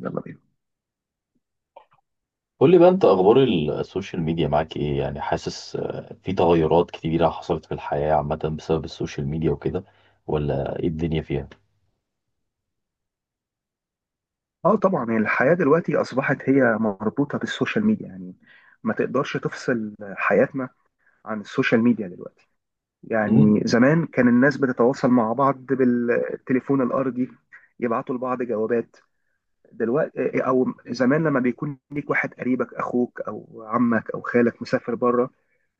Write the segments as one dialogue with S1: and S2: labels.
S1: يلا بينا.
S2: قول لي بقى انت اخبار السوشيال ميديا معاك ايه؟ يعني حاسس في تغيرات كتيرة حصلت في الحياة عامة بسبب السوشيال ميديا وكده، ولا ايه الدنيا فيها؟
S1: اه طبعا، يعني الحياة دلوقتي أصبحت هي مربوطة بالسوشيال ميديا، يعني ما تقدرش تفصل حياتنا عن السوشيال ميديا دلوقتي.
S2: امم.
S1: يعني زمان كان الناس بتتواصل مع بعض بالتليفون الأرضي، يبعتوا لبعض جوابات. دلوقتي أو زمان لما بيكون ليك واحد قريبك، أخوك أو عمك أو خالك مسافر بره،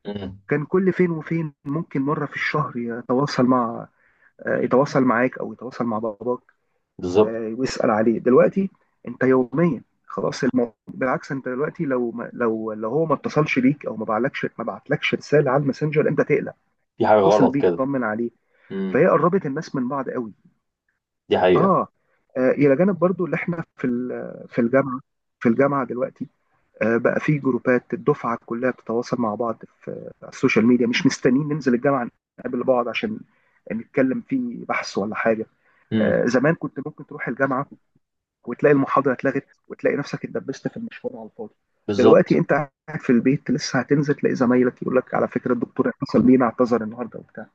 S2: امم.
S1: كان كل فين وفين ممكن مرة في الشهر يتواصل معاك أو يتواصل مع باباك.
S2: بالظبط.
S1: ويسأل عليه دلوقتي. انت يوميا خلاص، الموضوع بالعكس، انت دلوقتي لو هو ما اتصلش بيك او ما بعتلكش رساله على الماسنجر، انت تقلق.
S2: في حاجة
S1: هتتصل
S2: غلط
S1: بيه
S2: كده.
S1: تطمن عليه،
S2: امم.
S1: فهي قربت الناس من بعض قوي.
S2: دي حقيقة.
S1: اه، الى جانب برضو اللي احنا في الجامعه دلوقتي. بقى في جروبات الدفعه كلها بتتواصل مع بعض على السوشيال ميديا، مش مستنيين ننزل الجامعه نقابل بعض عشان نتكلم في بحث ولا حاجه.
S2: امم.
S1: زمان كنت ممكن تروح الجامعه وتلاقي المحاضره اتلغت، وتلاقي نفسك اتدبست في المشوار على الفاضي. دلوقتي
S2: بالظبط.
S1: انت قاعد في البيت لسه هتنزل، تلاقي زمايلك يقول لك على فكره الدكتور اتصل بينا اعتذر النهارده وبتاع.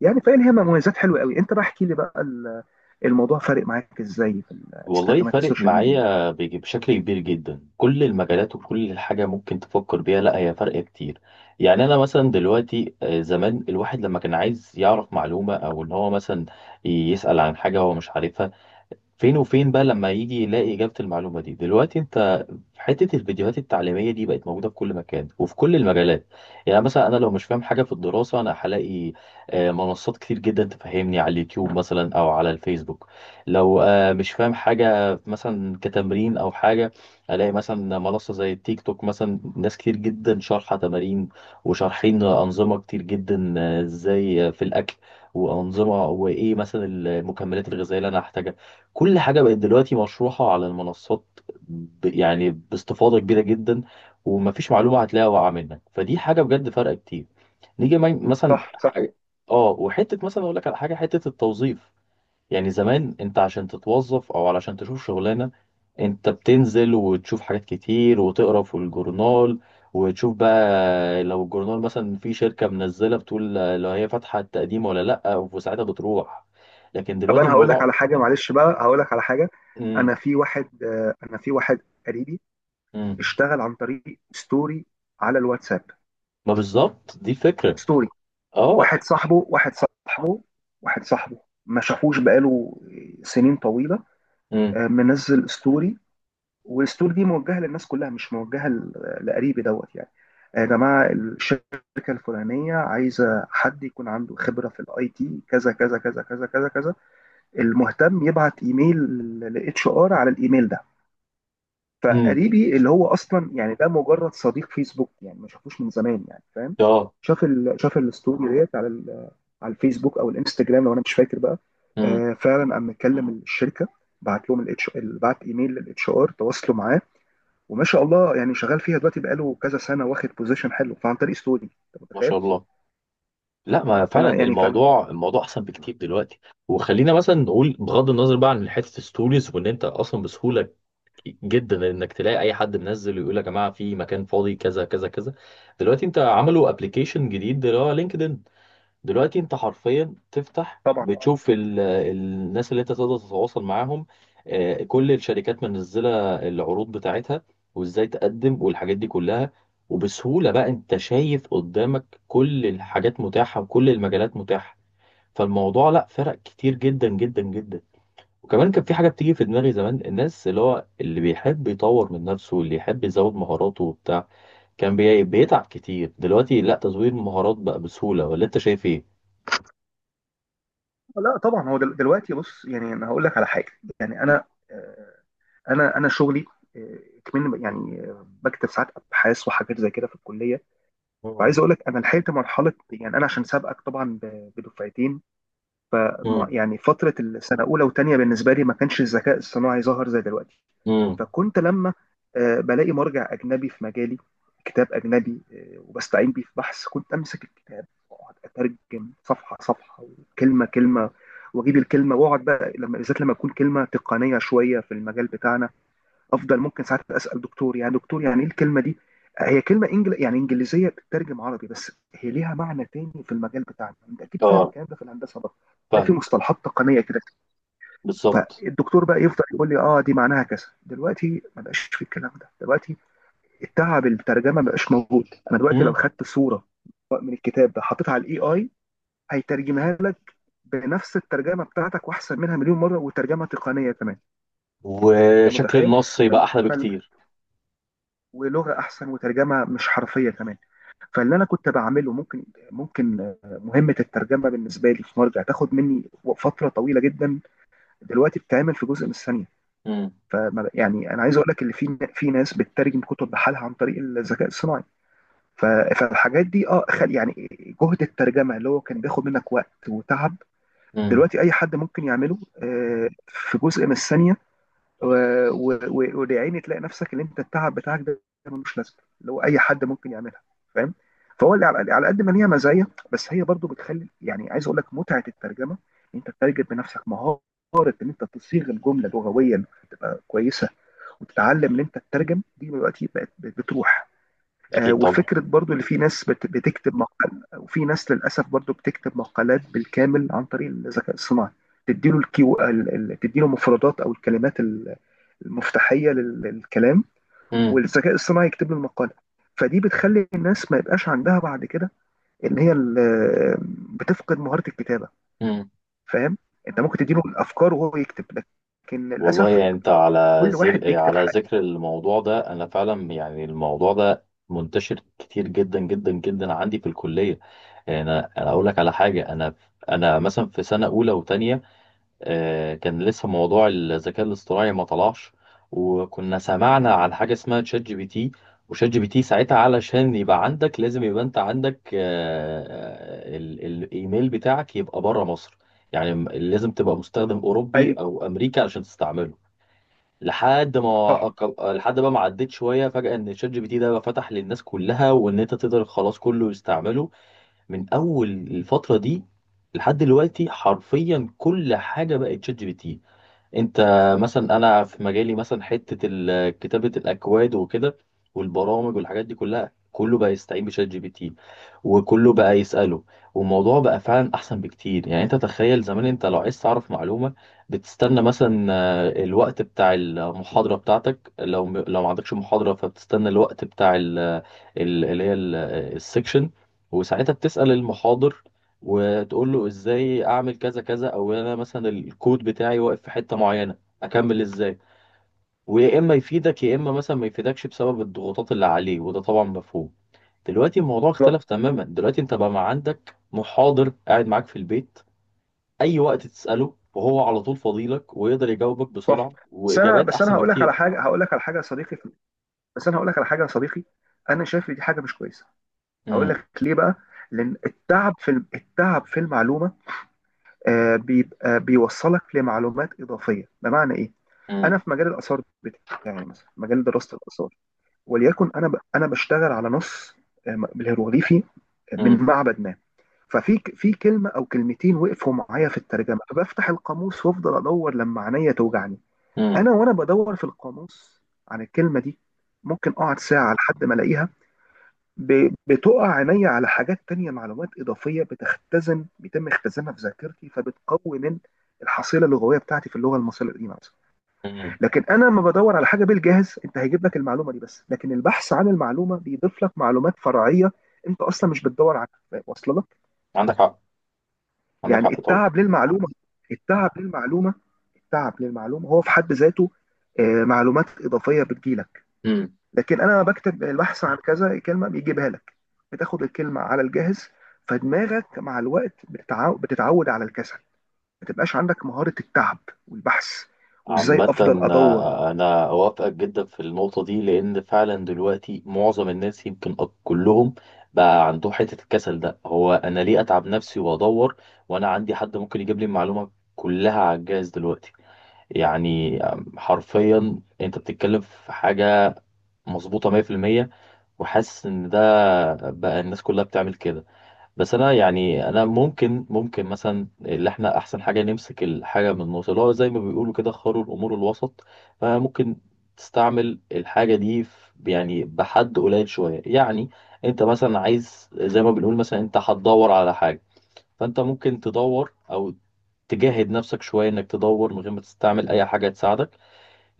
S1: يعني فاهم، هي مميزات حلوه قوي. انت بقى احكي لي بقى، الموضوع فارق معاك ازاي في
S2: والله
S1: استخدامات
S2: فارق
S1: السوشيال ميديا؟
S2: معايا بشكل كبير جدا، كل المجالات وكل حاجة ممكن تفكر بيها، لا هي فارقة كتير. يعني انا مثلا دلوقتي زمان الواحد لما كان عايز يعرف معلومة او ان هو مثلا يسأل عن حاجة هو مش عارفها، فين وفين بقى لما يجي يلاقي إجابة المعلومة دي. دلوقتي انت حتة الفيديوهات التعليمية دي بقت موجودة في كل مكان وفي كل المجالات. يعني مثلا أنا لو مش فاهم حاجة في الدراسة أنا هلاقي منصات كتير جدا تفهمني على اليوتيوب مثلا أو على الفيسبوك. لو مش فاهم حاجة مثلا كتمرين أو حاجة، ألاقي مثلا منصة زي التيك توك، مثلا ناس كتير جدا شارحة تمارين وشارحين أنظمة كتير جدا، إزاي في الأكل وأنظمة، وإيه مثلا المكملات الغذائية اللي أنا هحتاجها. كل حاجة بقت دلوقتي مشروحة على المنصات يعني باستفاضة كبيرة جدا، ومفيش معلومة هتلاقيها واقعة منك، فدي حاجة بجد فرق كتير. نيجي مثلا
S1: صح.
S2: اه، وحتة مثلا اقول لك على حاجة، حتة التوظيف. يعني زمان انت عشان تتوظف او علشان تشوف شغلانة، انت بتنزل وتشوف حاجات كتير وتقرا في الجورنال، وتشوف بقى لو الجورنال مثلا في شركة منزلة، بتقول لو هي فاتحة التقديم ولا لأ، وساعتها بتروح. لكن
S1: طب
S2: دلوقتي
S1: انا هقول لك
S2: الموضوع.
S1: على حاجه، معلش بقى هقول لك على حاجه،
S2: امم.
S1: انا في واحد قريبي
S2: امم.
S1: اشتغل عن طريق ستوري على الواتساب.
S2: ما بالظبط دي الفكرة.
S1: ستوري.
S2: اه.
S1: واحد صاحبه واحد صاحبه واحد صاحبه ما شافوش بقاله سنين طويله.
S2: امم.
S1: منزل ستوري، والستوري دي موجهه للناس كلها، مش موجهه لقريبي دوت يعني. يا جماعه، الشركه الفلانيه عايزه حد يكون عنده خبره في الاي تي، كذا كذا كذا كذا كذا كذا. المهتم يبعت ايميل لاتش ار على الايميل ده.
S2: امم.
S1: فقريبي اللي هو اصلا يعني ده مجرد صديق فيسبوك، يعني ما شافوش من زمان، يعني فاهم؟
S2: اه.
S1: شاف الستوري ديت على الفيسبوك او الانستجرام، لو انا مش فاكر بقى.
S2: امم.
S1: فعلا قام مكلم الشركه، بعت لهم الاتش بعت ايميل للاتش ار، تواصلوا معاه. وما شاء الله، يعني شغال فيها دلوقتي بقاله كذا سنه، واخد بوزيشن حلو، فعن طريق ستوري، انت
S2: ما
S1: متخيل؟
S2: شاء الله. لا، ما
S1: اه،
S2: فعلا
S1: فانا يعني.
S2: الموضوع احسن بكتير دلوقتي. وخلينا مثلا نقول بغض النظر بقى عن حته الستوريز، وان انت اصلا بسهوله جدا انك تلاقي اي حد منزل ويقول يا جماعه في مكان فاضي كذا كذا كذا. دلوقتي انت عملوا ابلكيشن جديد اللي هو لينكدين. دلوقتي انت حرفيا تفتح
S1: طبعا آه.
S2: بتشوف الناس اللي انت تقدر تتواصل معاهم، كل الشركات منزله العروض بتاعتها، وازاي تقدم والحاجات دي كلها، وبسهوله بقى انت شايف قدامك كل الحاجات متاحه وكل المجالات متاحه. فالموضوع لا فرق كتير جدا جدا جدا. وكمان كان في حاجه بتيجي في دماغي، زمان الناس اللي هو اللي بيحب يطور من نفسه واللي يحب يزود مهاراته وبتاع كان بيتعب كتير. دلوقتي لا، تزويد المهارات بقى بسهوله، ولا انت شايف؟
S1: لا طبعا، دلوقتي بص، يعني انا هقول لك على حاجه يعني آه، انا شغلي، آه، كمان يعني بكتب ساعات ابحاث وحاجات زي كده في الكليه.
S2: ايه؟
S1: وعايز اقول لك انا لحقت مرحله، يعني انا عشان سابقك طبعا بدفعتين.
S2: مم.
S1: يعني فتره السنه اولى وثانيه بالنسبه لي ما كانش الذكاء الصناعي ظهر زي دلوقتي.
S2: مم.
S1: فكنت لما بلاقي مرجع اجنبي في مجالي، كتاب اجنبي، وبستعين بيه في بحث، كنت امسك الكتاب واقعد اترجم صفحه صفحه وكلمه كلمه. واجيب الكلمه واقعد بقى لما بالذات لما تكون كلمه تقنيه شويه في المجال بتاعنا، افضل ممكن ساعات اسال دكتور، يعني دكتور يعني ايه الكلمه دي. هي كلمه يعني انجليزيه بتترجم عربي، بس هي ليها معنى تاني في المجال بتاعنا، انت اكيد فاهم
S2: اه،
S1: الكلام ده في الهندسه برضه. ده في
S2: فاهم.
S1: مصطلحات تقنيه كده.
S2: بالظبط.
S1: فالدكتور بقى يفضل يقول لي اه دي معناها كذا. دلوقتي ما بقاش في الكلام ده، دلوقتي التعب الترجمه ما بقاش موجود. انا دلوقتي لو
S2: مم.
S1: خدت صوره من الكتاب ده حطيتها على الاي اي، هيترجمها لك بنفس الترجمه بتاعتك واحسن منها مليون مره، وترجمه تقنيه كمان. ده
S2: وشكل
S1: متخيل؟
S2: النص يبقى احلى بكتير.
S1: ولغه احسن، وترجمه مش حرفيه كمان. فاللي انا كنت بعمله، ممكن مهمه الترجمه بالنسبه لي في مرجع تاخد مني فتره طويله جدا، دلوقتي بتتعمل في جزء من الثانيه.
S2: مم.
S1: فما يعني انا عايز اقول لك ان في ناس بتترجم كتب بحالها عن طريق الذكاء الصناعي. ف- فالحاجات دي يعني جهد الترجمه اللي هو كان بياخد منك وقت وتعب،
S2: مم.
S1: دلوقتي اي حد ممكن يعمله في جزء من الثانيه. ولعيني تلاقي نفسك ان انت التعب بتاعك ده ملوش لازمه، اللي هو اي حد ممكن يعملها، فاهم؟ فهو اللي على قد ما هي مزايا، بس هي برضو بتخلي، يعني عايز اقول لك متعه الترجمه، ان انت تترجم بنفسك مهاره، ان انت تصيغ الجمله لغويا تبقى كويسه، وتتعلم ان انت تترجم، دي دلوقتي بقت بتروح.
S2: اكيد طبعا.
S1: وفكرة برضو اللي في ناس بتكتب مقال، وفي ناس للأسف برضو بتكتب مقالات بالكامل عن طريق الذكاء الصناعي. تديله مفردات أو الكلمات المفتاحية للكلام،
S2: مم.
S1: والذكاء الصناعي يكتب له المقالة. فدي بتخلي الناس ما يبقاش عندها بعد كده، إن هي بتفقد مهارة الكتابة،
S2: مم.
S1: فاهم؟ أنت ممكن تديله الأفكار وهو يكتب، لكن
S2: والله
S1: للأسف
S2: يعني انت
S1: كل واحد بيكتب
S2: على
S1: حاجة.
S2: ذكر الموضوع ده، انا فعلا يعني الموضوع ده منتشر كتير جدا جدا جدا عندي في الكليه. يعني انا اقول لك على حاجه، انا مثلا في سنه اولى وثانيه. كان لسه موضوع الذكاء الاصطناعي ما طلعش، وكنا سمعنا عن حاجة اسمها تشات جي بي تي. وشات جي بي تي ساعتها علشان يبقى عندك لازم يبقى انت عندك الايميل بتاعك يبقى بره مصر. يعني لازم تبقى مستخدم اوروبي
S1: أيوه.
S2: او امريكا علشان تستعمله.
S1: صح.
S2: لحد بقى ما عديت شويه فجاه، ان شات جي بي تي ده بقى فتح للناس كلها، وان انت تقدر خلاص كله يستعمله. من اول الفتره دي لحد دلوقتي حرفيا كل حاجه بقت شات جي بي تي. انت مثلا انا في مجالي مثلا حته كتابه الاكواد وكده، والبرامج والحاجات دي كلها، كله بقى يستعين بشات جي بي تي، وكله بقى يساله. والموضوع بقى فعلا احسن بكتير. يعني انت تخيل زمان انت لو عايز تعرف معلومه، بتستنى مثلا الوقت بتاع المحاضره بتاعتك. لو ما عندكش محاضره فبتستنى الوقت بتاع ال- اللي هي ال- السكشن، وساعتها بتسال المحاضر وتقول له ازاي اعمل كذا كذا، او انا مثلا الكود بتاعي واقف في حته معينه اكمل ازاي. ويا اما يفيدك يا اما مثلا ما يفيدكش بسبب الضغوطات اللي عليه، وده طبعا مفهوم. دلوقتي الموضوع
S1: بالظبط،
S2: اختلف تماما. دلوقتي انت بقى ما عندك محاضر قاعد معاك في البيت، اي وقت تساله وهو على طول فاضيلك، ويقدر يجاوبك
S1: صح.
S2: بسرعه
S1: بس أنا
S2: واجابات
S1: بس أنا
S2: احسن
S1: هقول لك على
S2: بكتير.
S1: حاجة هقول لك على حاجة يا صديقي، بس انا هقول لك على حاجه يا صديقي، انا شايف دي حاجه مش كويسه. هقول
S2: امم.
S1: لك ليه بقى؟ لان التعب في المعلومه بيبقى بيوصلك لمعلومات اضافيه. بمعنى ايه؟ انا
S2: امم.
S1: في مجال الاثار بتاعي مثلا، مجال دراسه الاثار، وليكن انا انا بشتغل على نص بالهيروغليفي من معبد ما. في كلمه او كلمتين وقفوا معايا في الترجمه، فبفتح القاموس وافضل ادور لما عينيا توجعني.
S2: امم.
S1: انا وانا بدور في القاموس عن الكلمه دي، ممكن اقعد ساعه لحد ما الاقيها، بتقع عينيا على حاجات تانية، معلومات إضافية بيتم اختزانها في ذاكرتي، فبتقوي من الحصيلة اللغوية بتاعتي في اللغة المصرية القديمة مثلا.
S2: امم.
S1: لكن أنا لما بدور على حاجة بالجاهز، أنت هيجيب لك المعلومة دي بس، لكن البحث عن المعلومة بيضيف لك معلومات فرعية أنت أصلا مش بتدور عليها، واصلة لك.
S2: عندك حق. عندك
S1: يعني
S2: حق طبعا.
S1: التعب للمعلومة التعب للمعلومة هو في حد ذاته معلومات إضافية بتجيلك.
S2: مم.
S1: لكن انا لما بكتب البحث عن كذا كلمه بيجيبها لك، بتاخد الكلمه على الجاهز، فدماغك مع الوقت بتتعود على الكسل، ما تبقاش عندك مهاره التعب والبحث وازاي
S2: عامة
S1: افضل ادور.
S2: أنا أوافقك جدا في النقطة دي، لأن فعلا دلوقتي معظم الناس يمكن كلهم بقى عندهم حتة الكسل ده. هو أنا ليه أتعب نفسي وأدور، وأنا عندي حد ممكن يجيب لي المعلومة كلها على الجهاز دلوقتي؟ يعني حرفيا أنت بتتكلم في حاجة مظبوطة 100%، وحاسس إن ده بقى الناس كلها بتعمل كده. بس انا، يعني انا ممكن مثلا اللي احنا احسن حاجه نمسك الحاجه من النص، اللي هو زي ما بيقولوا كده خير الامور الوسط. فممكن تستعمل الحاجه دي في، يعني بحد قليل شويه يعني. انت مثلا عايز زي ما بنقول، مثلا انت هتدور على حاجه، فانت ممكن تدور او تجاهد نفسك شويه انك تدور من غير ما تستعمل اي حاجه تساعدك،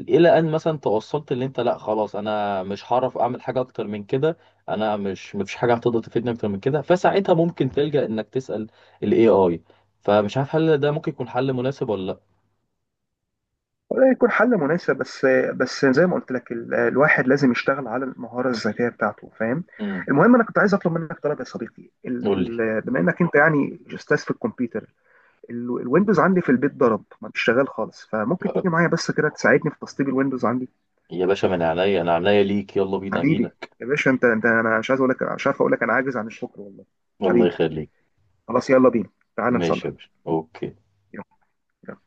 S2: الى ان مثلا توصلت اللي انت لا خلاص انا مش هعرف اعمل حاجه اكتر من كده، انا مش، مفيش حاجه هتقدر تفيدني اكتر من كده، فساعتها ممكن تلجأ انك تسأل الاي اي. فمش عارف هل ده ممكن يكون حل مناسب ولا لا؟
S1: وده يكون حل مناسب، بس زي ما قلت لك الواحد لازم يشتغل على المهاره الذاتيه بتاعته، فاهم؟
S2: امم.
S1: المهم، انا كنت عايز اطلب منك طلب يا صديقي، ال
S2: قول لي.
S1: ال بما انك انت يعني استاذ في الكمبيوتر، الويندوز عندي في البيت ضرب، ما بيشتغل خالص، فممكن تيجي معايا بس كده تساعدني في تسطيب الويندوز عندي.
S2: يا باشا من عينيا، انا عينيا ليك، يلا بينا
S1: حبيبي
S2: اجيلك.
S1: يا باشا، انت انت انا مش عارف اقول لك، انا عاجز عن الشكر والله.
S2: الله
S1: حبيبي،
S2: يخليك.
S1: خلاص يلا بينا، تعال
S2: ماشي يا
S1: نصلح.
S2: باشا، اوكي.
S1: يلا.